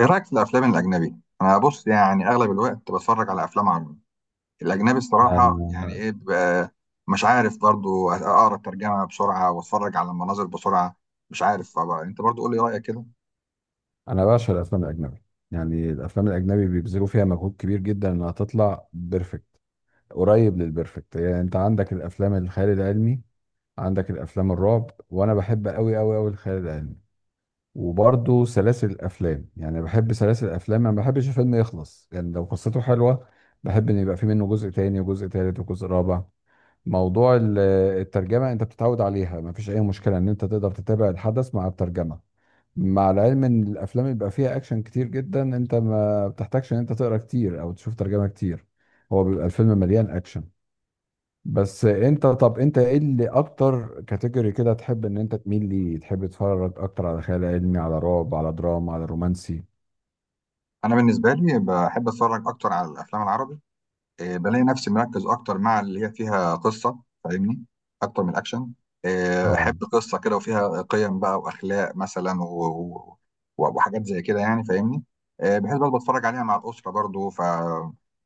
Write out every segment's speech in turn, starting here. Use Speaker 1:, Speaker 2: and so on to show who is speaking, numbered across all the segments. Speaker 1: ايه رايك في الافلام الاجنبي؟ انا بص، يعني اغلب الوقت بتفرج على افلام عربي. الاجنبي الصراحه يعني
Speaker 2: انا
Speaker 1: ايه، بيبقى مش عارف برضو اقرا الترجمه بسرعه واتفرج على المناظر بسرعه. مش عارف بقى. انت برضو قول لي رايك كده.
Speaker 2: انا بعشق الافلام الاجنبي. يعني الافلام الاجنبي بيبذلوا فيها مجهود كبير جدا انها تطلع بيرفكت، قريب للبرفكت. يعني انت عندك الافلام الخيال العلمي، عندك الافلام الرعب، وانا بحب قوي قوي قوي الخيال العلمي. وبرضه سلاسل الافلام، يعني بحب سلاسل الافلام، ما بحبش الفيلم يخلص، يعني لو قصته حلوه بحب ان يبقى في منه جزء تاني وجزء تالت وجزء رابع. موضوع الترجمه انت بتتعود عليها، ما فيش اي مشكله ان انت تقدر تتابع الحدث مع الترجمه. مع العلم ان الافلام اللي بيبقى فيها اكشن كتير جدا انت ما بتحتاجش ان انت تقرا كتير او تشوف ترجمه كتير، هو بيبقى الفيلم مليان اكشن. بس انت، طب انت ايه اللي اكتر كاتيجوري كده تحب ان انت تميل ليه؟ تحب تتفرج اكتر على خيال علمي، على رعب، على دراما، على رومانسي؟
Speaker 1: انا بالنسبه لي بحب اتفرج اكتر على الافلام العربي. آه، بلاقي نفسي مركز اكتر مع اللي هي فيها قصه، فاهمني؟ اكتر من الاكشن. آه،
Speaker 2: اه،
Speaker 1: احب قصه كده وفيها قيم بقى واخلاق مثلا وحاجات زي كده، يعني فاهمني. آه، بحيث برضه بتفرج عليها مع الاسره برضه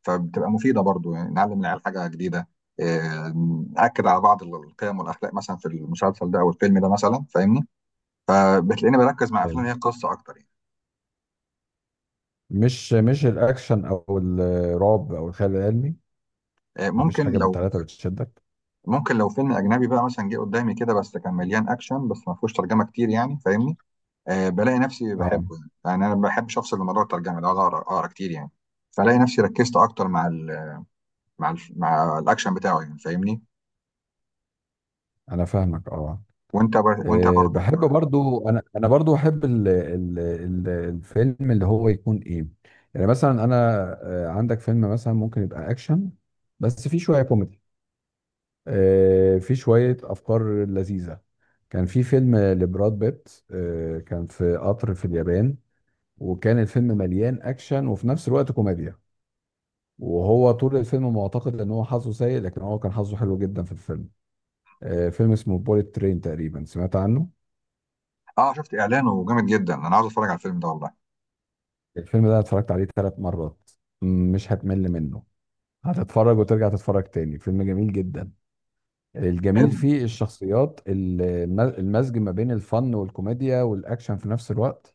Speaker 1: فبتبقى مفيده برضه، يعني نعلم العيال حاجه جديده. آه، ناكد على بعض القيم والاخلاق مثلا في المسلسل ده او الفيلم ده مثلا، فاهمني؟ آه، بتلاقيني بركز مع
Speaker 2: ايوه،
Speaker 1: افلام هي قصه اكتر يعني.
Speaker 2: مش الاكشن او الرعب او الخيال العلمي.
Speaker 1: آه،
Speaker 2: مفيش
Speaker 1: ممكن
Speaker 2: حاجه من
Speaker 1: لو
Speaker 2: الثلاثه بتشدك.
Speaker 1: ممكن لو فيلم اجنبي بقى مثلا جه قدامي كده، بس كان مليان اكشن بس ما فيهوش ترجمه كتير يعني، فاهمني؟ بلاقي نفسي
Speaker 2: اه،
Speaker 1: بحبه يعني انا ما بحبش افصل من موضوع الترجمه ده اقعد أقرأ كتير يعني. فلاقي نفسي ركزت اكتر مع الاكشن بتاعه يعني، فاهمني؟
Speaker 2: انا فاهمك، اه.
Speaker 1: وانت برضو.
Speaker 2: بحب برضو، انا برضو احب ال الفيلم اللي هو يكون ايه؟ يعني مثلا انا، عندك فيلم مثلا ممكن يبقى اكشن، بس فيه شويه كوميدي، فيه شويه افكار لذيذه. كان في فيلم لبراد بيت، كان في قطر في اليابان، وكان الفيلم مليان اكشن وفي نفس الوقت كوميديا، وهو طول الفيلم معتقد ان هو حظه سيء، لكن هو كان حظه حلو جدا في الفيلم. فيلم اسمه بوليت ترين، تقريبا سمعت عنه.
Speaker 1: اه، شفت اعلانه جامد جدا، انا عاوز اتفرج على الفيلم ده والله.
Speaker 2: الفيلم ده أنا اتفرجت عليه 3 مرات، مش هتمل منه، هتتفرج وترجع تتفرج تاني، فيلم جميل جدا. الجميل
Speaker 1: حلو.
Speaker 2: فيه الشخصيات، المزج ما بين الفن والكوميديا والاكشن في نفس الوقت.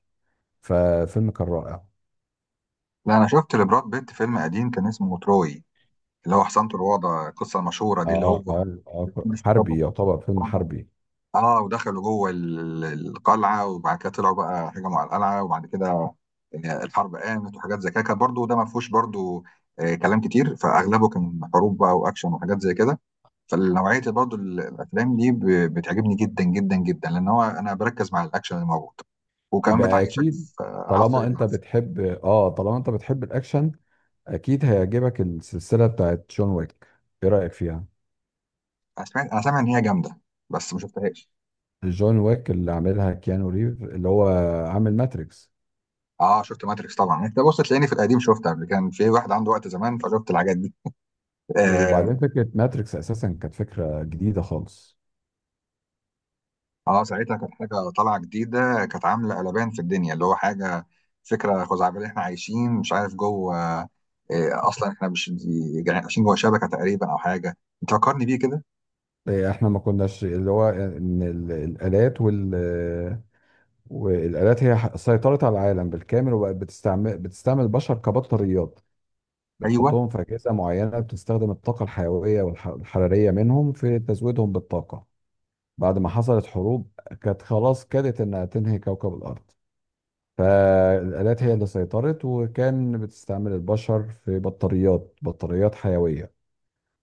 Speaker 2: ففيلم كان رائع.
Speaker 1: لا، انا شفت لبراد بيت فيلم قديم كان اسمه تروي. اللي هو حصنته الوضع، القصه المشهوره دي اللي هو
Speaker 2: اه اه اه،
Speaker 1: بيكون بيستخبى
Speaker 2: حربي،
Speaker 1: في حصنة
Speaker 2: يعتبر فيلم
Speaker 1: الوضع.
Speaker 2: حربي.
Speaker 1: اه، ودخلوا جوه القلعه وبعد كده طلعوا بقى هجموا على القلعه، وبعد كده الحرب قامت وحاجات زي كده، كان برضه ده ما فيهوش برضه كلام كتير، فاغلبه كان حروب بقى واكشن وحاجات زي كده. فالنوعيه برضه الافلام دي بتعجبني جدا جدا جدا، لان هو انا بركز مع الاكشن اللي موجود، وكمان
Speaker 2: يبقى
Speaker 1: بتعيشك
Speaker 2: اكيد،
Speaker 1: في عصر العسل.
Speaker 2: طالما انت بتحب الاكشن، اكيد هيعجبك السلسلة بتاعت جون ويك. ايه رأيك فيها؟
Speaker 1: انا سامع ان هي جامده، بس ما شفتهاش.
Speaker 2: جون ويك اللي عاملها كيانو ريف، اللي هو عامل ماتريكس.
Speaker 1: اه، شفت ماتريكس طبعا. انت بص، تلاقيني في القديم شفت قبل، كان في واحد عنده وقت زمان فشفت الحاجات دي آه،
Speaker 2: وبعدين فكرة ماتريكس أساسا كانت فكرة جديدة خالص.
Speaker 1: اه، ساعتها كانت حاجه طالعه جديده، كانت عامله قلبان في الدنيا، اللي هو حاجه فكره خزعبليه احنا عايشين مش عارف جوه اصلا احنا مش عايشين جوه شبكه تقريبا او حاجه. انت فكرني بيه كده.
Speaker 2: إيه، إحنا ما كناش اللي هو إن الآلات والآلات هي سيطرت على العالم بالكامل، وبقت بتستعمل البشر كبطاريات،
Speaker 1: ايوه.
Speaker 2: بتحطهم في أجهزة معينة بتستخدم الطاقة الحيوية والحرارية منهم في تزويدهم بالطاقة. بعد ما حصلت حروب كانت خلاص كادت إنها تنهي كوكب الأرض، فالآلات هي اللي سيطرت، وكان بتستعمل البشر في بطاريات، بطاريات حيوية.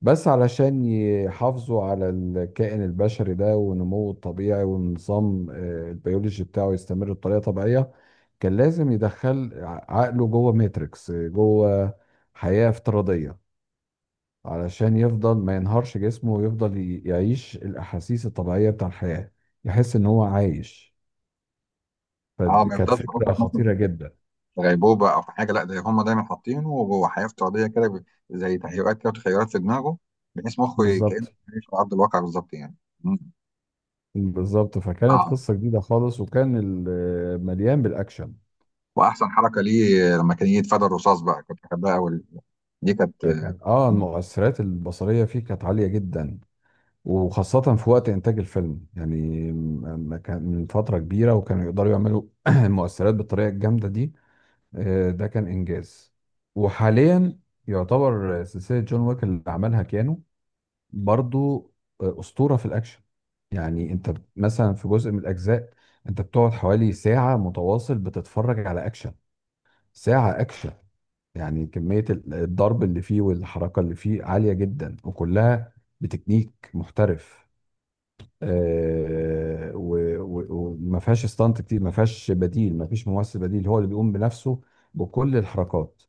Speaker 2: بس علشان يحافظوا على الكائن البشري ده ونموه الطبيعي والنظام البيولوجي بتاعه يستمر بطريقة طبيعية، كان لازم يدخل عقله جوه ماتريكس، جوه حياة افتراضية، علشان يفضل ما ينهارش جسمه ويفضل يعيش الأحاسيس الطبيعية بتاع الحياة، يحس إن هو عايش.
Speaker 1: اه، ما
Speaker 2: فكانت
Speaker 1: يفضلش
Speaker 2: فكرة
Speaker 1: قصدك مثلا
Speaker 2: خطيرة جدا.
Speaker 1: في غيبوبه او في حاجه؟ لا، ده هم دايما حاطينه وهو حياه افتراضيه كده، زي تهيؤات كده وتخيلات في دماغه، بحيث مخه كانه
Speaker 2: بالظبط.
Speaker 1: عايش على ارض الواقع بالظبط يعني. مم.
Speaker 2: بالظبط، فكانت
Speaker 1: اه،
Speaker 2: قصة جديدة خالص، وكان مليان بالأكشن.
Speaker 1: واحسن حركه ليه لما كان يتفادى الرصاص بقى، كنت بحبها قوي. دي كانت.
Speaker 2: كان المؤثرات البصريه فيه كانت عاليه جدا، وخاصه في وقت انتاج الفيلم يعني ما كان من فتره كبيره وكانوا يقدروا يعملوا المؤثرات بالطريقه الجامده دي. ده كان انجاز. وحاليا، يعتبر سلسله جون ويك اللي عملها كيانو برضو، اسطوره في الاكشن. يعني انت مثلا في جزء من الاجزاء، انت بتقعد حوالي ساعه متواصل بتتفرج على اكشن، ساعه اكشن. يعني كمية الضرب اللي فيه والحركة اللي فيه عالية جدا، وكلها بتكنيك محترف. وما فيهاش استانت كتير، ما فيهاش بديل، ما فيش ممثل بديل، هو اللي بيقوم بنفسه بكل الحركات.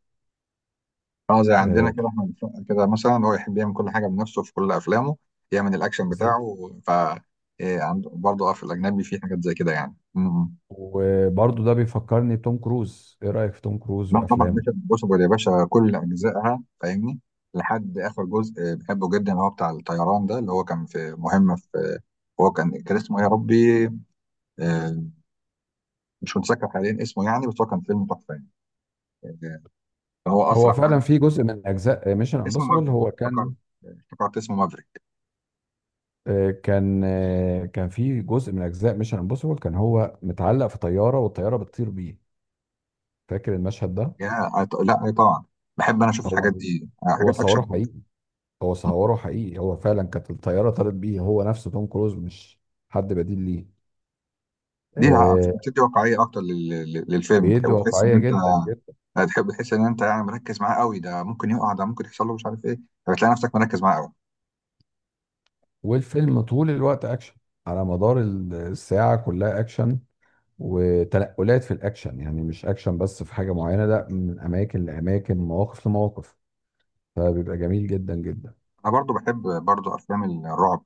Speaker 1: اه، زي عندنا
Speaker 2: آه،
Speaker 1: كده احمد السقا كده مثلا، هو يحب يعمل كل حاجه بنفسه في كل افلامه، يعمل الاكشن
Speaker 2: بالظبط.
Speaker 1: بتاعه إيه. عنده برضه اه في الاجنبي في حاجات زي كده يعني
Speaker 2: وبرضه ده بيفكرني بتوم كروز. ايه رأيك في توم كروز
Speaker 1: لا طبعا
Speaker 2: وافلامه؟
Speaker 1: باشا، بص يا باشا، كل اجزائها فاهمني. لحد اخر جزء آه، بحبه جدا، اللي هو بتاع الطيران ده، اللي هو كان في مهمه هو كان اسمه ايه يا ربي؟ آه، مش متذكر حاليا اسمه يعني، بس هو كان فيلم تحفه يعني. آه، هو
Speaker 2: هو
Speaker 1: اسرع
Speaker 2: فعلا
Speaker 1: حد.
Speaker 2: في جزء من اجزاء ميشن
Speaker 1: اسمه
Speaker 2: امبوسيبل،
Speaker 1: مافريك.
Speaker 2: هو
Speaker 1: افتكرت.
Speaker 2: كان
Speaker 1: افتكرت اسمه مافريك.
Speaker 2: آه، كان آه، كان في جزء من اجزاء ميشن امبوسيبل، كان هو متعلق في طيارة والطيارة بتطير بيه. فاكر المشهد ده؟
Speaker 1: لا، إيه طبعا. بحب انا اشوف
Speaker 2: هو
Speaker 1: الحاجات دي، آه،
Speaker 2: هو
Speaker 1: حاجات
Speaker 2: صوره
Speaker 1: اكشن كلها.
Speaker 2: حقيقي، هو صوره حقيقي، هو فعلا كانت الطياره طارت بيه، هو نفسه توم كروز مش حد بديل ليه.
Speaker 1: دي
Speaker 2: آه
Speaker 1: بتدي واقعيه اكتر للفيلم،
Speaker 2: بيد
Speaker 1: وتحس ان
Speaker 2: واقعيه
Speaker 1: انت
Speaker 2: جدا جدا.
Speaker 1: هتحب تحس ان انت يعني مركز معاه قوي. ده ممكن يقع، ده ممكن يحصل له، مش عارف ايه، فبتلاقي نفسك مركز معاه قوي.
Speaker 2: والفيلم طول الوقت اكشن، على مدار الساعه كلها اكشن، وتنقلات في الاكشن، يعني مش اكشن بس في حاجه معينه، لا، من اماكن لاماكن، مواقف لمواقف، فبيبقى جميل جدا جدا.
Speaker 1: انا برضو بحب برضو افلام الرعب،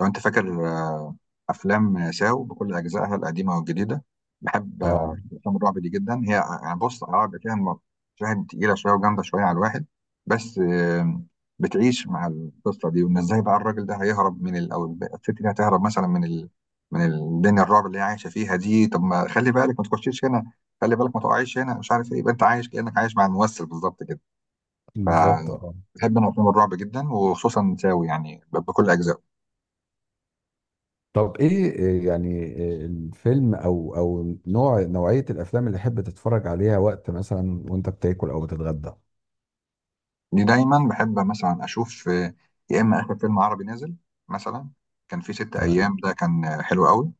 Speaker 1: لو انت فاكر. افلام ساو بكل اجزائها القديمه والجديده، بحب
Speaker 2: اه،
Speaker 1: افلام الرعب دي جدا. هي يعني بص عقد فيها مشاهد تقيله شويه وجامده شويه على الواحد. بس بتعيش مع القصه دي، وان ازاي بقى الراجل ده هيهرب من او الست دي هتهرب مثلا من الدنيا الرعب اللي هي عايشه فيها دي. طب ما خلي بالك ما تخشيش هنا، خلي بالك ما تقعيش هنا، مش عارف ايه، يبقى انت عايش كانك عايش مع الممثل بالظبط كده.
Speaker 2: بالظبط، اه.
Speaker 1: فبحب انا افلام الرعب جدا، وخصوصا ساوي يعني بكل اجزائه.
Speaker 2: طب ايه، إيه الفيلم او نوعية الافلام اللي تحب تتفرج عليها وقت مثلا وانت بتاكل او بتتغدى؟
Speaker 1: دي دايما بحب مثلا اشوف يا اما اخر فيلم عربي نازل مثلا. كان في ست ايام
Speaker 2: تمام.
Speaker 1: ده كان حلو قوي.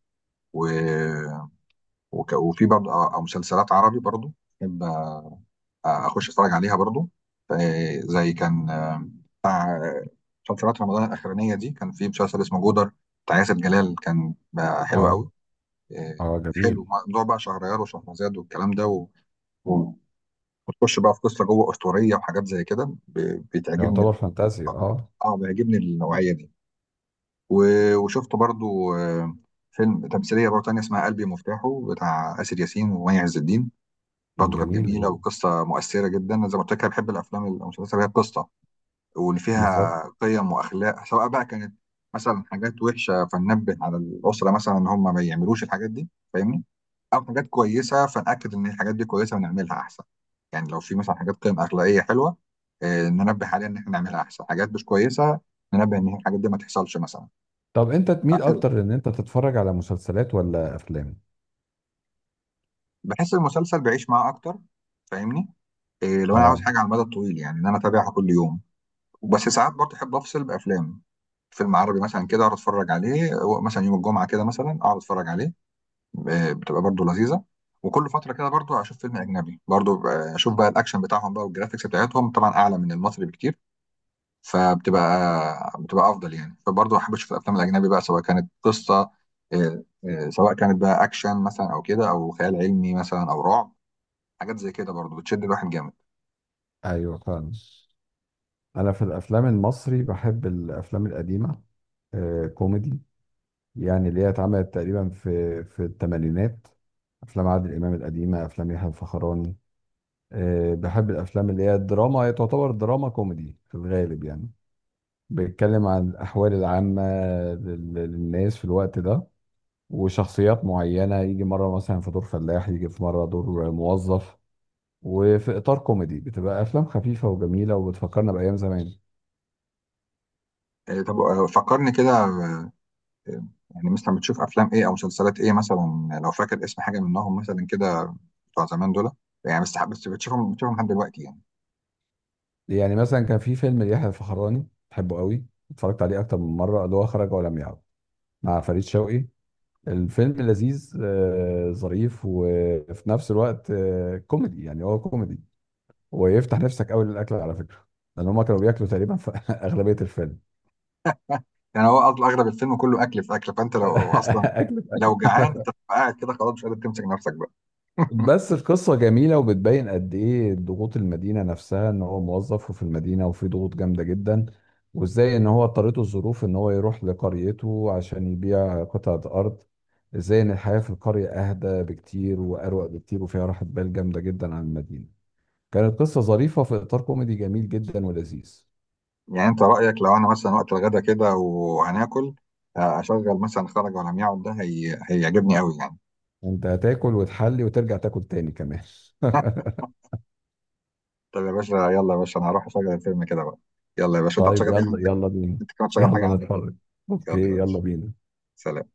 Speaker 1: و... وفي برضه او مسلسلات عربي برضه بحب اخش اتفرج عليها برضه. ف- زي كان مسلسلات رمضان الاخرانيه دي كان في مسلسل اسمه جودر بتاع ياسر جلال، كان بقى حلو
Speaker 2: اه،
Speaker 1: قوي. آه،
Speaker 2: اه، جميل،
Speaker 1: حلو موضوع بقى شهريار وشهرزاد والكلام ده، و... وتخش بقى في قصه جوه اسطوريه وحاجات زي كده، بتعجبني
Speaker 2: يعتبر فانتازيا، اه،
Speaker 1: اه، بيعجبني النوعيه دي. وشفت برضو فيلم تمثيليه برضو تانية اسمها قلبي مفتاحه بتاع آسر ياسين ومي عز الدين، برضو كانت
Speaker 2: جميلة
Speaker 1: جميله
Speaker 2: جدا،
Speaker 1: وقصه مؤثره جدا. أنا زي ما قلت لك، أنا بحب الافلام المسلسلات اللي هي قصه، واللي
Speaker 2: بالظبط.
Speaker 1: فيها قيم واخلاق، سواء بقى كانت مثلا حاجات وحشه فننبه على الاسره مثلا ان هم ما يعملوش الحاجات دي، فاهمني؟ او حاجات كويسه فنأكد ان الحاجات دي كويسه ونعملها احسن. يعني لو في مثلا حاجات قيم اخلاقيه حلوه ننبه عليها ان احنا نعملها احسن. حاجات مش كويسه ننبه ان الحاجات دي ما تحصلش مثلا.
Speaker 2: طب انت تميل
Speaker 1: فحلو.
Speaker 2: اكتر ان انت تتفرج على مسلسلات ولا افلام؟
Speaker 1: بحس المسلسل بعيش معاه اكتر، فاهمني؟ إيه، لو انا عاوز
Speaker 2: اه،
Speaker 1: حاجه على المدى الطويل يعني، ان انا اتابعها كل يوم. وبس ساعات برضه احب افصل بافلام، فيلم عربي مثلا كده اقعد اتفرج عليه مثلا يوم الجمعه كده مثلا اقعد اتفرج عليه. آه، بتبقى برضو لذيذه. وكل فتره كده برضو اشوف فيلم اجنبي برضو اشوف بقى الاكشن بتاعهم بقى، والجرافيكس بتاعتهم طبعا اعلى من المصري بكتير، فبتبقى افضل يعني. فبرضو احب اشوف الافلام الاجنبي بقى، سواء كانت قصه آه، سواء كانت بقى اكشن مثلا او كده، او خيال علمي مثلا او رعب، حاجات زي كده برضو بتشد الواحد جامد.
Speaker 2: ايوه، فعلا. انا في الافلام المصري بحب الافلام القديمة، كوميدي، يعني اللي هي اتعملت تقريبا في الثمانينات، افلام عادل امام القديمة، افلام يحيى الفخراني. بحب الافلام اللي هي الدراما، هي تعتبر دراما كوميدي في الغالب يعني، بيتكلم عن الاحوال العامه للناس في الوقت ده، وشخصيات معينه، يجي مره مثلا في دور فلاح، يجي في مره دور موظف، وفي اطار كوميدي، بتبقى افلام خفيفه وجميله وبتفكرنا بايام زمان.
Speaker 1: آه، طب فكرني كده يعني مثلا بتشوف افلام ايه او مسلسلات ايه مثلا، لو فاكر اسم حاجه منهم مثلا كده، بتوع زمان دول يعني، بس بتشوفهم بتشوفهم لحد دلوقتي يعني.
Speaker 2: يعني مثلا كان في فيلم ليحيى الفخراني بحبه قوي، اتفرجت عليه اكتر من مره، اللي هو خرج ولم يعد، مع فريد شوقي. الفيلم لذيذ، ظريف، وفي نفس الوقت كوميدي، يعني هو كوميدي ويفتح نفسك قوي للاكل على فكره، لان هم كانوا بياكلوا تقريبا في اغلبيه الفيلم.
Speaker 1: يعني هو اغلب الفيلم كله اكل في اكل، فانت لو اصلا
Speaker 2: اكل في
Speaker 1: لو جعان انت
Speaker 2: اكل.
Speaker 1: بتبقى قاعد كده خلاص مش قادر تمسك نفسك بقى.
Speaker 2: بس القصه جميله، وبتبين قد ايه ضغوط المدينه نفسها، ان هو موظف وفي المدينه، وفي ضغوط جامده جدا، وازاي ان هو اضطرته الظروف ان هو يروح لقريته عشان يبيع قطعه ارض، ازاي ان الحياه في القريه اهدى بكتير واروق بكتير، وفيها راحه بال جامده جدا عن المدينه. كانت قصه ظريفه في اطار كوميدي جميل جدا ولذيذ.
Speaker 1: يعني انت رايك لو انا مثلا وقت الغدا كده وهناكل، آه، اشغل مثلا خرج ولم يعد ده، هيعجبني قوي يعني.
Speaker 2: انت هتاكل وتحلي وترجع تاكل تاني كمان.
Speaker 1: طب يا باشا، يلا يا باشا، انا هروح اشغل الفيلم كده بقى. يلا يا باشا، انت
Speaker 2: طيب،
Speaker 1: هتشغل ايه
Speaker 2: يلا
Speaker 1: عندك؟
Speaker 2: يلا بينا،
Speaker 1: انت كمان تشغل حاجه
Speaker 2: يلا
Speaker 1: عندك بقى.
Speaker 2: نتفرج.
Speaker 1: يلا يا
Speaker 2: اوكي، يلا
Speaker 1: باشا.
Speaker 2: بينا.
Speaker 1: سلام.